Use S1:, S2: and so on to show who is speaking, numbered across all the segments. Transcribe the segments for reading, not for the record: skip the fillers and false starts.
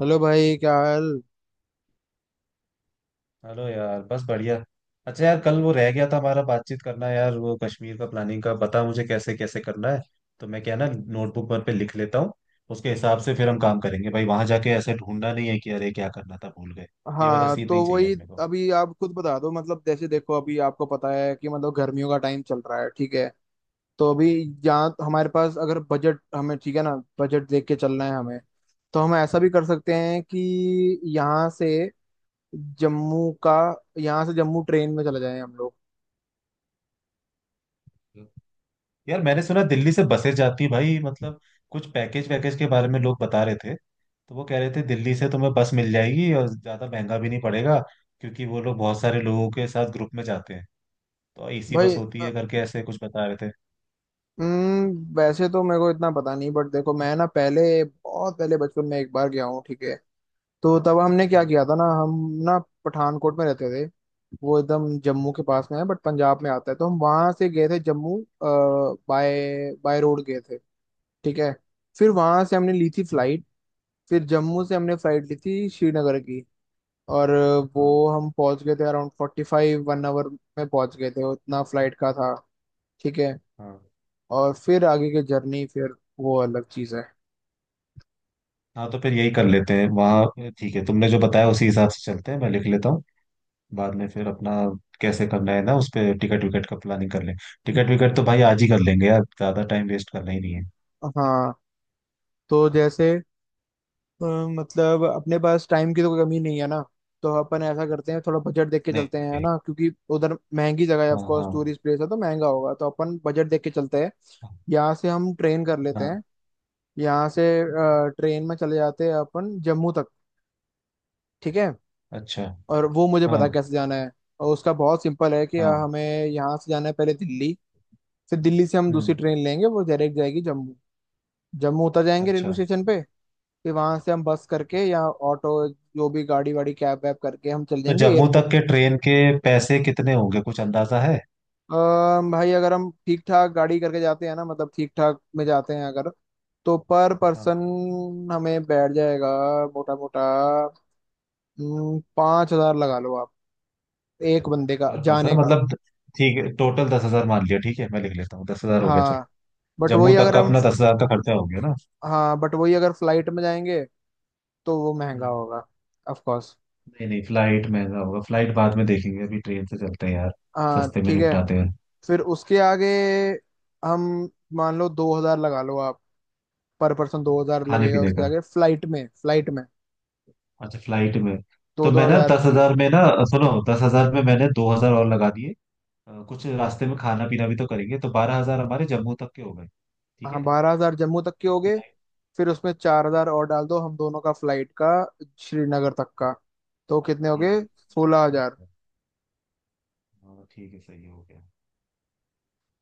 S1: Hello भाई, क्या हाल।
S2: हेलो यार, बस बढ़िया। अच्छा यार, कल वो रह गया था हमारा बातचीत करना, यार वो कश्मीर का प्लानिंग का बता मुझे कैसे कैसे करना है। तो मैं क्या ना नोटबुक पर पे लिख लेता हूँ। उसके हिसाब से फिर हम काम करेंगे भाई, वहां जाके ऐसे ढूंढना नहीं है कि अरे क्या करना था भूल गए। ये वाला
S1: हाँ,
S2: सीन नहीं
S1: तो
S2: चाहिए
S1: वही।
S2: अपने को।
S1: अभी आप खुद बता दो, मतलब जैसे देखो, अभी आपको पता है कि मतलब गर्मियों का टाइम चल रहा है, ठीक है। तो अभी यहाँ हमारे पास अगर बजट, हमें ठीक है ना, बजट देख के चलना है हमें। तो हम ऐसा भी कर सकते हैं कि यहाँ से जम्मू का, यहाँ से जम्मू ट्रेन में चले जाएं हम लोग।
S2: यार, मैंने सुना दिल्ली से बसें जाती भाई, मतलब कुछ पैकेज वैकेज के बारे में लोग बता रहे थे, तो वो कह रहे थे दिल्ली से तुम्हें बस मिल जाएगी और ज्यादा महंगा भी नहीं पड़ेगा, क्योंकि वो लोग बहुत सारे लोगों के साथ ग्रुप में जाते हैं। तो एसी बस
S1: भाई
S2: होती है करके ऐसे कुछ बता रहे थे।
S1: वैसे तो मेरे को इतना पता नहीं, बट देखो, मैं ना पहले, बहुत पहले बचपन में एक बार गया हूँ, ठीक है। तो तब हमने क्या
S2: हाँ,
S1: किया था ना, हम ना पठानकोट में रहते थे। वो एकदम जम्मू
S2: हाँ,
S1: के पास में है बट पंजाब में आता है, तो हम वहां से गए थे जम्मू। बाय बाय रोड गए थे। ठीक है। फिर वहां से हमने ली थी फ्लाइट। फिर जम्मू से हमने फ्लाइट ली थी श्रीनगर की। और
S2: हाँ,
S1: वो हम पहुंच गए थे अराउंड 45 1 आवर में, पहुंच गए थे, उतना फ्लाइट का था। ठीक है।
S2: हाँ,
S1: और फिर आगे की जर्नी फिर वो अलग चीज़ है।
S2: हाँ, तो फिर यही कर लेते हैं वहाँ। ठीक है, तुमने जो बताया उसी हिसाब से चलते हैं, मैं लिख लेता हूँ। बाद में फिर अपना कैसे करना है ना, उस पे टिकट विकट का प्लानिंग कर लें। टिकट विकट तो भाई आज ही कर लेंगे यार, ज़्यादा टाइम वेस्ट करना ही नहीं है।
S1: हाँ, तो जैसे अ, मतलब अपने पास टाइम की तो कोई कमी नहीं है ना। तो अपन ऐसा करते हैं, थोड़ा बजट देख के चलते हैं, है
S2: नहीं,
S1: ना, क्योंकि उधर महंगी जगह है, ऑफ
S2: हाँ,
S1: कोर्स
S2: हाँ,
S1: टूरिस्ट प्लेस है, तो महंगा होगा, तो अपन बजट देख के चलते हैं। यहाँ से हम ट्रेन कर लेते
S2: हाँ,
S1: हैं। यहाँ से ट्रेन में चले जाते हैं अपन जम्मू तक। ठीक है।
S2: अच्छा,
S1: और वो मुझे
S2: हाँ,
S1: पता है कैसे जाना है। और उसका बहुत सिंपल है कि
S2: हाँ।
S1: हमें यहाँ से जाना है पहले दिल्ली। फिर दिल्ली से हम दूसरी
S2: हम्म,
S1: ट्रेन लेंगे, वो डायरेक्ट जाएगी जम्मू। जम्मू उतर जाएंगे
S2: अच्छा,
S1: रेलवे स्टेशन पे। फिर वहां से हम बस करके या ऑटो, जो भी गाड़ी वाड़ी कैब वैब करके, हम चल
S2: तो
S1: जाएंगे
S2: जम्मू तक
S1: एयरपोर्ट।
S2: के ट्रेन के पैसे कितने होंगे, कुछ अंदाजा है?
S1: भाई, अगर हम ठीक ठाक गाड़ी करके जाते हैं ना, मतलब ठीक ठाक में जाते हैं अगर, तो पर
S2: हाँ,
S1: पर्सन हमें बैठ जाएगा, मोटा मोटा 5 हजार लगा लो आप, एक बंदे का
S2: पर पर्सन
S1: जाने का।
S2: मतलब? ठीक है, टोटल 10 हजार मान लिया, ठीक है, मैं लिख लेता हूँ, 10 हजार हो गया
S1: हाँ
S2: चलो।
S1: बट
S2: जम्मू
S1: वही
S2: तक
S1: अगर
S2: का
S1: हम
S2: अपना 10 हजार का खर्चा हो गया ना।
S1: हाँ, बट वही अगर फ्लाइट में जाएंगे तो वो महंगा
S2: हम्म।
S1: होगा, ऑफ कोर्स।
S2: नहीं नहीं, फ्लाइट महंगा होगा, फ्लाइट बाद में देखेंगे, अभी ट्रेन से चलते हैं यार,
S1: हाँ,
S2: सस्ते में
S1: ठीक है।
S2: निपटाते हैं।
S1: फिर उसके आगे हम, मान लो 2 हजार लगा लो आप, पर पर्सन 2 हजार
S2: खाने
S1: लगेगा
S2: पीने
S1: उसके
S2: का?
S1: आगे फ्लाइट में, फ्लाइट में
S2: अच्छा, फ्लाइट में?
S1: दो
S2: तो
S1: दो
S2: मैं ना
S1: हजार
S2: दस
S1: की।
S2: हजार में ना, सुनो, 10 हजार में मैंने 2 हजार और लगा दिए। कुछ रास्ते में खाना पीना भी तो करेंगे, तो 12 हजार हमारे जम्मू तक के हो गए, ठीक
S1: हाँ,
S2: है।
S1: 12 हजार जम्मू तक के हो गए।
S2: फ्लाइट?
S1: फिर उसमें 4 हजार और डाल दो, हम दोनों का फ्लाइट का श्रीनगर तक का। तो कितने हो
S2: ठीक
S1: गए?
S2: है।
S1: 16 हजार।
S2: हाँ ठीक है, सही हो गया।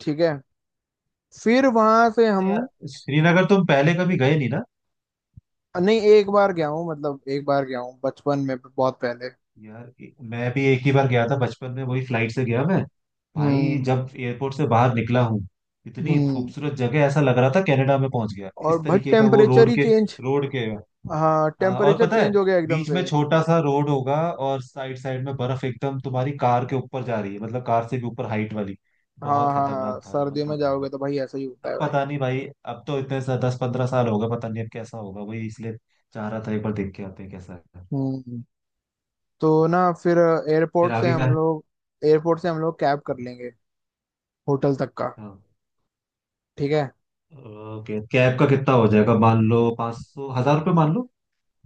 S1: ठीक है। फिर वहां से
S2: अच्छा
S1: हम,
S2: यार, श्रीनगर तुम पहले कभी गए नहीं ना?
S1: नहीं, एक बार गया हूँ, मतलब एक बार गया हूँ बचपन में, बहुत पहले।
S2: यार, मैं भी एक ही बार गया था बचपन में, वही फ्लाइट से गया मैं। भाई,
S1: हम्म।
S2: जब एयरपोर्ट से बाहर निकला हूँ, इतनी
S1: हम्म।
S2: खूबसूरत जगह, ऐसा लग रहा था कनाडा में पहुंच गया,
S1: और
S2: इस
S1: भाई
S2: तरीके का वो
S1: टेम्परेचर
S2: रोड
S1: ही
S2: के,
S1: चेंज।
S2: रोड के।
S1: हाँ,
S2: हाँ, और
S1: टेम्परेचर
S2: पता है,
S1: चेंज हो गया एकदम
S2: बीच
S1: से।
S2: में छोटा सा रोड होगा और साइड साइड में बर्फ एकदम तुम्हारी कार के ऊपर जा रही है, मतलब कार से भी ऊपर हाइट वाली।
S1: हाँ
S2: बहुत
S1: हाँ हाँ,
S2: खतरनाक था,
S1: सर्दियों
S2: मजा आ
S1: में
S2: गया
S1: जाओगे तो
S2: था।
S1: भाई ऐसा ही होता है
S2: अब
S1: भाई।
S2: पता नहीं भाई, अब तो इतने दस पंद्रह साल होगा, पता नहीं अब कैसा होगा, वही इसलिए चाह रहा था एक बार देख के आते हैं कैसा है।
S1: हम्म। तो ना, फिर
S2: फिर
S1: एयरपोर्ट से
S2: आगे का
S1: हम
S2: है?
S1: लोग, एयरपोर्ट से हम लोग कैब कर लेंगे होटल तक का।
S2: हाँ,
S1: ठीक है।
S2: ओके, कैब का कितना हो जाएगा, मान लो 500, हजार रुपये मान लो,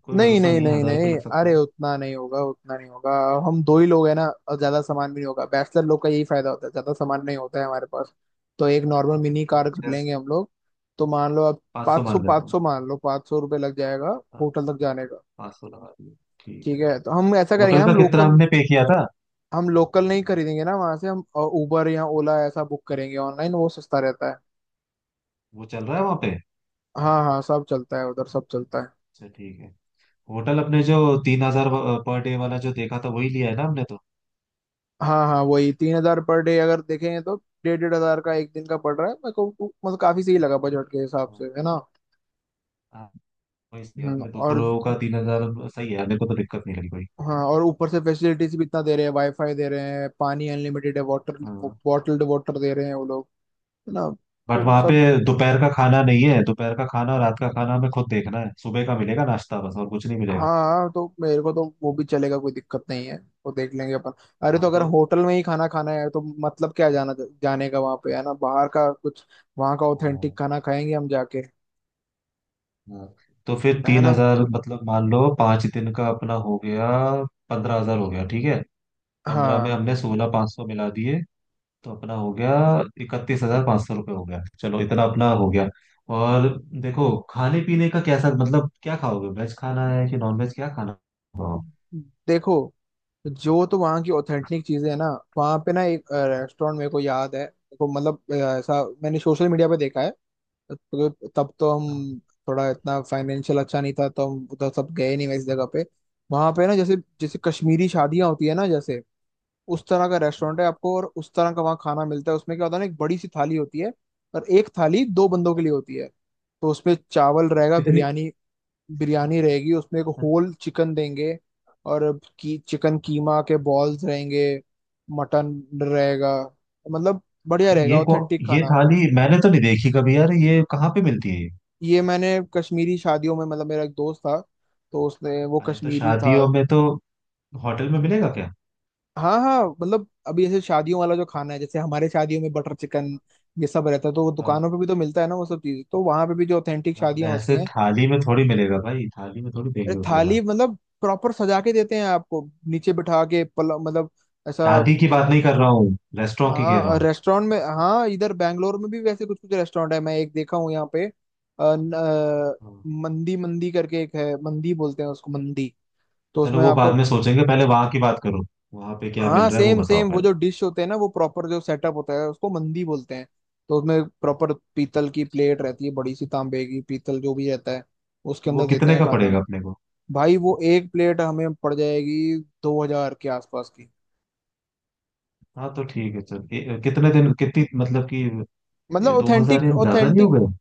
S2: कोई
S1: नहीं
S2: भरोसा
S1: नहीं
S2: नहीं है,
S1: नहीं
S2: हजार रुपये
S1: नहीं,
S2: लग सकता
S1: अरे
S2: है।
S1: उतना नहीं होगा, उतना नहीं होगा। हम दो ही लोग हैं ना, और ज्यादा सामान भी नहीं होगा, बैचलर लोग का यही फायदा होता है, ज्यादा सामान नहीं होता है हमारे पास। तो एक नॉर्मल मिनी
S2: तो
S1: कार कर
S2: छः
S1: लेंगे हम लोग। तो मान लो अब,
S2: 500
S1: 500,
S2: मान लेता
S1: पाँच
S2: हूँ।
S1: सौ मान लो, 500 रुपये लग जाएगा
S2: हाँ,
S1: होटल तक जाने का।
S2: 500 लगा दिए, ठीक
S1: ठीक
S2: है।
S1: है, तो हम ऐसा करेंगे
S2: होटल
S1: ना,
S2: का
S1: हम
S2: कितना
S1: लोकल,
S2: हमने पे किया था?
S1: हम लोकल नहीं खरीदेंगे ना, वहां से हम उबर या ओला ऐसा बुक करेंगे ऑनलाइन, वो सस्ता रहता है।
S2: वो चल रहा है वहाँ पे?
S1: हाँ हाँ, सब चलता है उधर, सब चलता है।
S2: अच्छा, ठीक है। होटल अपने जो 3 हजार पर डे वाला जो देखा था, वही लिया है ना हमने तो।
S1: हाँ हाँ वही, 3 हजार पर डे अगर देखें तो 1,500-1,500 का एक दिन का पड़ रहा है मेरे को। मतलब काफी सही लगा बजट के हिसाब से,
S2: हाँ,
S1: है ना।
S2: हाँ, वही सही है। अपने दो
S1: और
S2: लोगों का 3 हजार सही है, मेरे को तो दिक्कत नहीं लगी कोई।
S1: हाँ, और ऊपर से फैसिलिटीज भी इतना दे रहे हैं, वाईफाई दे रहे हैं, पानी अनलिमिटेड है, वाटर,
S2: हाँ,
S1: बॉटल्ड वाटर दे रहे हैं वो लोग, है ना।
S2: बट
S1: तो
S2: वहाँ पे
S1: सब
S2: दोपहर का खाना नहीं है, दोपहर का खाना और रात का खाना हमें खुद देखना है, सुबह का मिलेगा नाश्ता बस, और कुछ नहीं मिलेगा।
S1: हाँ, तो मेरे को तो वो भी चलेगा, कोई दिक्कत नहीं है। वो देख लेंगे अपन। अरे, तो
S2: हाँ
S1: अगर
S2: तो,
S1: होटल में ही खाना खाना है, तो मतलब क्या जाना, जाने का वहाँ पे, है ना, बाहर का कुछ, वहाँ का
S2: हाँ,
S1: ऑथेंटिक खाना खाएंगे हम जाके,
S2: हाँ। तो फिर
S1: है
S2: तीन
S1: ना।
S2: हजार मतलब, मान लो 5 दिन का अपना हो गया, 15 हजार हो गया ठीक है। 15 में
S1: हाँ,
S2: हमने 16,500 मिला दिए, तो अपना हो गया 31,500 रुपये हो गया, चलो इतना अपना हो गया। और देखो, खाने पीने का कैसा, मतलब क्या खाओगे, वेज खाना है कि नॉन वेज, क्या खाना खाओ?
S1: देखो जो तो वहाँ की ऑथेंटिक चीजें है ना, वहाँ पे ना एक रेस्टोरेंट मेरे को याद है। देखो मतलब ऐसा मैंने सोशल मीडिया पे देखा है। तो, तब तो
S2: हाँ,
S1: हम, थोड़ा इतना फाइनेंशियल अच्छा नहीं था, तो हम उधर सब गए नहीं, मैं इस जगह पे। वहाँ पे ना जैसे, जैसे कश्मीरी शादियाँ होती है ना, जैसे उस तरह का
S2: हाँ।
S1: रेस्टोरेंट है आपको, और उस तरह का वहाँ खाना मिलता है। उसमें क्या होता है ना, एक बड़ी सी थाली होती है और एक थाली दो बंदों के लिए होती है। तो उसमें चावल रहेगा,
S2: इतनी?
S1: बिरयानी बिरयानी रहेगी, उसमें एक होल चिकन देंगे, और की चिकन कीमा के बॉल्स रहेंगे, मटन रहेगा, मतलब बढ़िया
S2: भाई
S1: रहेगा
S2: ये को,
S1: ऑथेंटिक
S2: ये
S1: खाना।
S2: थाली मैंने तो नहीं देखी कभी यार, ये कहाँ पे मिलती है ये?
S1: ये मैंने कश्मीरी शादियों में, मतलब मेरा एक दोस्त था, तो उसने, वो
S2: अरे तो
S1: कश्मीरी था।
S2: शादियों में तो होटल में मिलेगा क्या?
S1: हाँ हाँ, मतलब अभी ऐसे शादियों वाला जो खाना है, जैसे हमारे शादियों में बटर चिकन ये सब रहता है, तो वो
S2: हाँ।
S1: दुकानों पे भी तो मिलता है ना वो सब चीज़, तो वहां पे भी जो ऑथेंटिक
S2: बट
S1: शादियां होती
S2: वैसे
S1: हैं।
S2: थाली में थोड़ी मिलेगा भाई, थाली में थोड़ी
S1: अरे,
S2: देंगे उस हजार।
S1: थाली मतलब प्रॉपर सजा के देते हैं आपको, नीचे बिठा के, पल मतलब ऐसा।
S2: शादी की बात नहीं कर रहा हूँ, रेस्टोरेंट की
S1: हाँ,
S2: कह रहा
S1: और
S2: हूँ।
S1: रेस्टोरेंट में, हाँ, इधर बैंगलोर में भी वैसे कुछ कुछ रेस्टोरेंट है, मैं एक देखा हूँ यहाँ पे, अ, न, अ,
S2: हाँ।
S1: मंदी, मंदी करके एक है, मंदी बोलते हैं उसको, मंदी। तो
S2: चलो,
S1: उसमें
S2: वो बाद
S1: आपको,
S2: में सोचेंगे, पहले वहां की बात करो, वहां पे क्या
S1: हाँ
S2: मिल रहा है वो
S1: सेम
S2: बताओ
S1: सेम, वो जो
S2: पहले।
S1: डिश होते हैं ना, वो प्रॉपर जो सेटअप होता है उसको मंदी बोलते हैं। तो उसमें प्रॉपर पीतल की प्लेट रहती है, बड़ी सी, तांबे की, पीतल, जो भी रहता है, उसके
S2: तो वो
S1: अंदर देते
S2: कितने
S1: हैं
S2: का
S1: खाना।
S2: पड़ेगा अपने को?
S1: भाई, वो एक प्लेट हमें पड़ जाएगी 2 हजार के आसपास की।
S2: हाँ तो ठीक है चल, कितने दिन कितनी मतलब कि
S1: मतलब
S2: ये 2 हजार
S1: ऑथेंटिक
S2: या ज्यादा नहीं हो
S1: ऑथेंटिक।
S2: गए?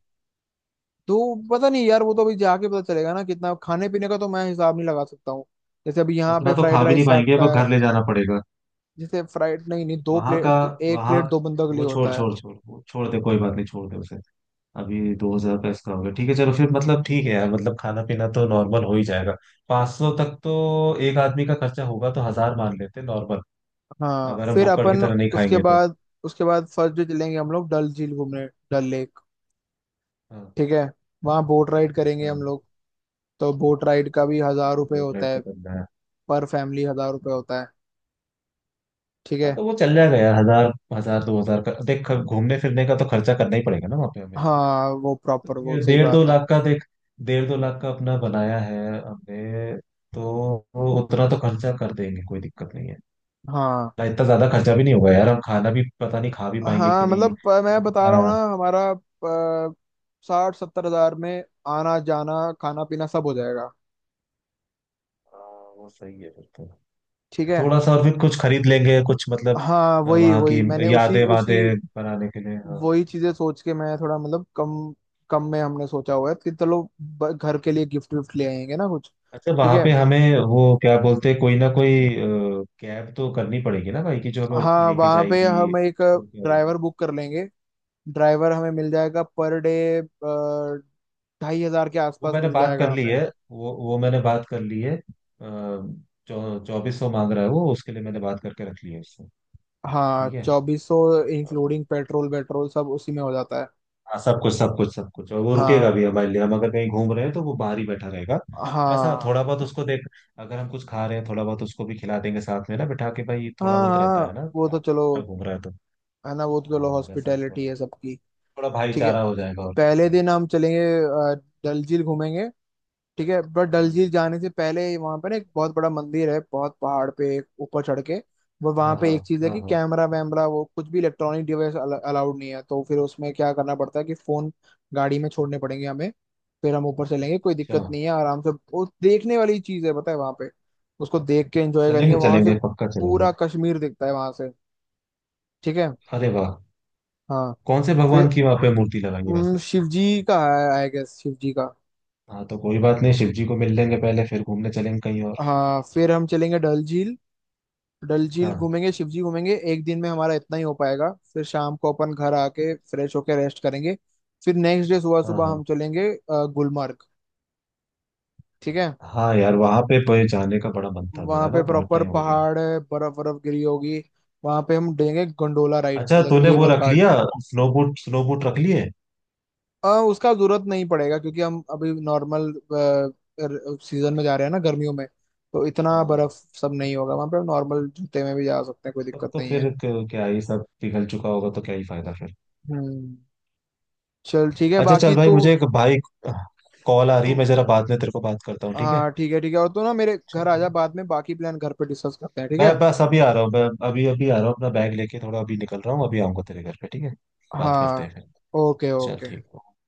S1: तो पता नहीं यार, वो तो अभी जाके पता चलेगा ना कितना, खाने पीने का तो मैं हिसाब नहीं लगा सकता हूँ। जैसे अभी यहाँ
S2: उतना
S1: पे
S2: तो
S1: फ्राइड
S2: खा भी नहीं
S1: राइस 60
S2: पाएंगे,
S1: का
S2: अब
S1: है।
S2: घर ले जाना पड़ेगा
S1: जैसे फ्राइड, नहीं नहीं, दो
S2: वहां का।
S1: प्लेट, एक
S2: वहां
S1: प्लेट दो बंदों के लिए
S2: वो छोड़
S1: होता है।
S2: छोड़ छोड़, वो छोड़ दे, कोई बात नहीं, छोड़ दे उसे। अभी 2 हजार का इसका हो गया, ठीक है, चलो फिर मतलब ठीक है यार, मतलब खाना पीना तो नॉर्मल हो ही जाएगा। पाँच सौ तक तो एक आदमी का खर्चा होगा, तो हजार मान लेते हैं नॉर्मल,
S1: हाँ,
S2: अगर हम
S1: फिर
S2: भुक्कड़ की
S1: अपन,
S2: तरह नहीं
S1: उसके
S2: खाएंगे तो।
S1: बाद उसके बाद फर्स्ट डे चलेंगे हम लोग डल झील घूमने, डल लेक।
S2: हाँ,
S1: ठीक है। वहाँ बोट राइड करेंगे हम
S2: हाँ,
S1: लोग। तो बोट राइड का भी 1 हजार रुपये
S2: बोल
S1: होता
S2: रहे तो
S1: है,
S2: करना है।
S1: पर फैमिली 1 हजार रुपये होता है। ठीक
S2: हाँ,
S1: है।
S2: तो वो चल जाएगा यार, हजार हजार दो हजार का देख, घूमने फिरने का तो खर्चा करना ही पड़ेगा ना वहाँ पे हमें।
S1: हाँ, वो
S2: तो
S1: प्रॉपर, वो
S2: डेढ़
S1: सही
S2: डेढ़ दो
S1: बात है।
S2: लाख का देख, डेढ़ दो लाख का अपना बनाया है हमने, तो वो उतना तो खर्चा कर देंगे, कोई दिक्कत नहीं है।
S1: हाँ
S2: ना इतना ज्यादा खर्चा भी नहीं होगा यार, हम खाना भी पता नहीं खा भी पाएंगे
S1: हाँ,
S2: कि नहीं,
S1: मतलब
S2: क्या
S1: मैं बता
S2: पता।
S1: रहा हूँ
S2: हाँ,
S1: ना, हमारा 60-70 हजार में आना जाना, खाना पीना सब हो जाएगा।
S2: वो सही है फिर तो।
S1: ठीक है।
S2: थोड़ा सा और फिर कुछ खरीद लेंगे कुछ, मतलब
S1: हाँ, वही
S2: वहाँ
S1: वही,
S2: की
S1: मैंने उसी
S2: यादें
S1: उसी,
S2: वादें बनाने के लिए। हाँ,
S1: वही चीजें सोच के मैं थोड़ा, मतलब कम, कम में हमने सोचा हुआ है कि चलो घर के लिए गिफ्ट विफ्ट ले आएंगे ना कुछ।
S2: अच्छा,
S1: ठीक
S2: वहाँ
S1: है।
S2: पे हमें वो क्या बोलते हैं, कोई ना कोई कैब तो करनी पड़ेगी ना भाई, की जो हमें
S1: हाँ,
S2: लेके
S1: वहाँ पे
S2: जाएगी,
S1: हम एक
S2: छोड़ के
S1: ड्राइवर
S2: आएगी।
S1: बुक कर लेंगे, ड्राइवर हमें मिल जाएगा पर डे, 2,500 के
S2: वो
S1: आसपास
S2: मैंने
S1: मिल
S2: बात
S1: जाएगा
S2: कर ली
S1: हमें।
S2: है, वो मैंने बात कर ली है। चौ चौबीस सौ मांग रहा है वो, उसके लिए मैंने बात करके रख ली है उससे।
S1: हाँ,
S2: ठीक है।
S1: चौबीसों, इंक्लूडिंग पेट्रोल वेट्रोल सब उसी में हो जाता है।
S2: हाँ, सब कुछ सब कुछ सब कुछ, और वो रुकेगा
S1: हाँ
S2: भी हमारे लिए, हम अगर कहीं घूम रहे हैं तो वो बाहर ही बैठा रहेगा बस। हाँ,
S1: हाँ,
S2: थोड़ा बहुत उसको देख, अगर हम कुछ खा रहे हैं थोड़ा बहुत उसको भी खिला देंगे साथ में ना, बिठा के भाई, थोड़ा
S1: हाँ
S2: बहुत
S1: हाँ,
S2: रहता है ना
S1: वो तो
S2: साथ
S1: चलो,
S2: में, घूम रहा है तो।
S1: है ना, वो तो चलो,
S2: हाँ, वैसा
S1: हॉस्पिटैलिटी
S2: थोड़ा,
S1: है सबकी।
S2: थोड़ा
S1: ठीक है।
S2: भाईचारा हो जाएगा और कुछ
S1: पहले
S2: नहीं।
S1: दिन हम चलेंगे डल झील घूमेंगे। ठीक है, बट डल
S2: हम्म,
S1: झील जाने से पहले वहां पर ना एक बहुत बड़ा मंदिर है, बहुत पहाड़ पे, एक ऊपर चढ़ के। वो वहां
S2: हाँ,
S1: पे
S2: हाँ,
S1: एक चीज है
S2: हाँ,
S1: कि
S2: हाँ,
S1: कैमरा वैमरा, वो कुछ भी इलेक्ट्रॉनिक डिवाइस अलाउड नहीं है, तो फिर उसमें क्या करना पड़ता है कि फोन, गाड़ी में छोड़ने पड़ेंगे हमें। फिर हम ऊपर चलेंगे, कोई
S2: अच्छा,
S1: दिक्कत नहीं है, आराम से, वो देखने वाली चीज है, पता है वहां पे। उसको देख के एंजॉय करेंगे
S2: चलेंगे,
S1: वहां से।
S2: चलेंगे पक्का चलेंगे।
S1: पूरा कश्मीर दिखता है वहां से। ठीक है।
S2: अरे वाह,
S1: हाँ
S2: कौन से
S1: फिर
S2: भगवान की वहां पे मूर्ति लगाई है वैसे?
S1: शिव जी का है आई गेस, शिव जी का।
S2: हाँ, तो कोई बात नहीं, शिव जी को मिल लेंगे पहले, फिर घूमने चलेंगे कहीं और।
S1: हाँ, फिर हम चलेंगे डल झील, डल झील
S2: हाँ,
S1: घूमेंगे, शिव जी घूमेंगे, एक दिन में हमारा इतना ही हो पाएगा, फिर शाम को अपन घर आके फ्रेश होके रेस्ट करेंगे। फिर नेक्स्ट डे सुबह
S2: हाँ,
S1: सुबह
S2: हाँ,
S1: हम चलेंगे गुलमर्ग। ठीक है।
S2: हाँ यार, वहां पे पे जाने का बड़ा मन था
S1: वहाँ
S2: मेरा
S1: पे
S2: ना, बहुत
S1: प्रॉपर
S2: टाइम हो गया।
S1: पहाड़ है, बर्फ बर्फ गिरी होगी। वहाँ पे हम देंगे गंडोला राइड,
S2: अच्छा,
S1: मतलब
S2: तूने वो
S1: केबल
S2: रख
S1: कार्ट।
S2: लिया, स्नो बूट, स्नो बूट रख लिए?
S1: उसका जरूरत नहीं पड़ेगा, क्योंकि हम अभी नॉर्मल सीजन में जा रहे हैं ना, गर्मियों में, तो इतना
S2: हाँ,
S1: बर्फ सब नहीं होगा वहाँ पे, हम नॉर्मल जूते में भी जा सकते हैं, कोई
S2: तब
S1: दिक्कत
S2: तो
S1: नहीं
S2: फिर
S1: है।
S2: क्या ही सब पिघल चुका होगा, तो क्या ही फायदा फिर।
S1: हम्म, चल ठीक है,
S2: अच्छा चल
S1: बाकी
S2: भाई,
S1: तू,
S2: मुझे एक भाई कॉल आ रही है, मैं
S1: तुम,
S2: जरा बाद में तेरे को बात करता हूँ, ठीक है?
S1: हाँ ठीक है, ठीक है, और तू ना मेरे
S2: चल
S1: घर आ जा,
S2: ठीक है।
S1: बाद में बाकी प्लान घर पे डिस्कस करते हैं, ठीक
S2: मैं
S1: है।
S2: बस अभी आ रहा हूँ मैं, अभी अभी आ रहा हूँ अपना बैग लेके, थोड़ा अभी निकल रहा हूँ, अभी आऊंगा तेरे घर पे ठीक है। बात करते हैं
S1: हाँ,
S2: फिर।
S1: ओके
S2: चल
S1: ओके।
S2: ठीक है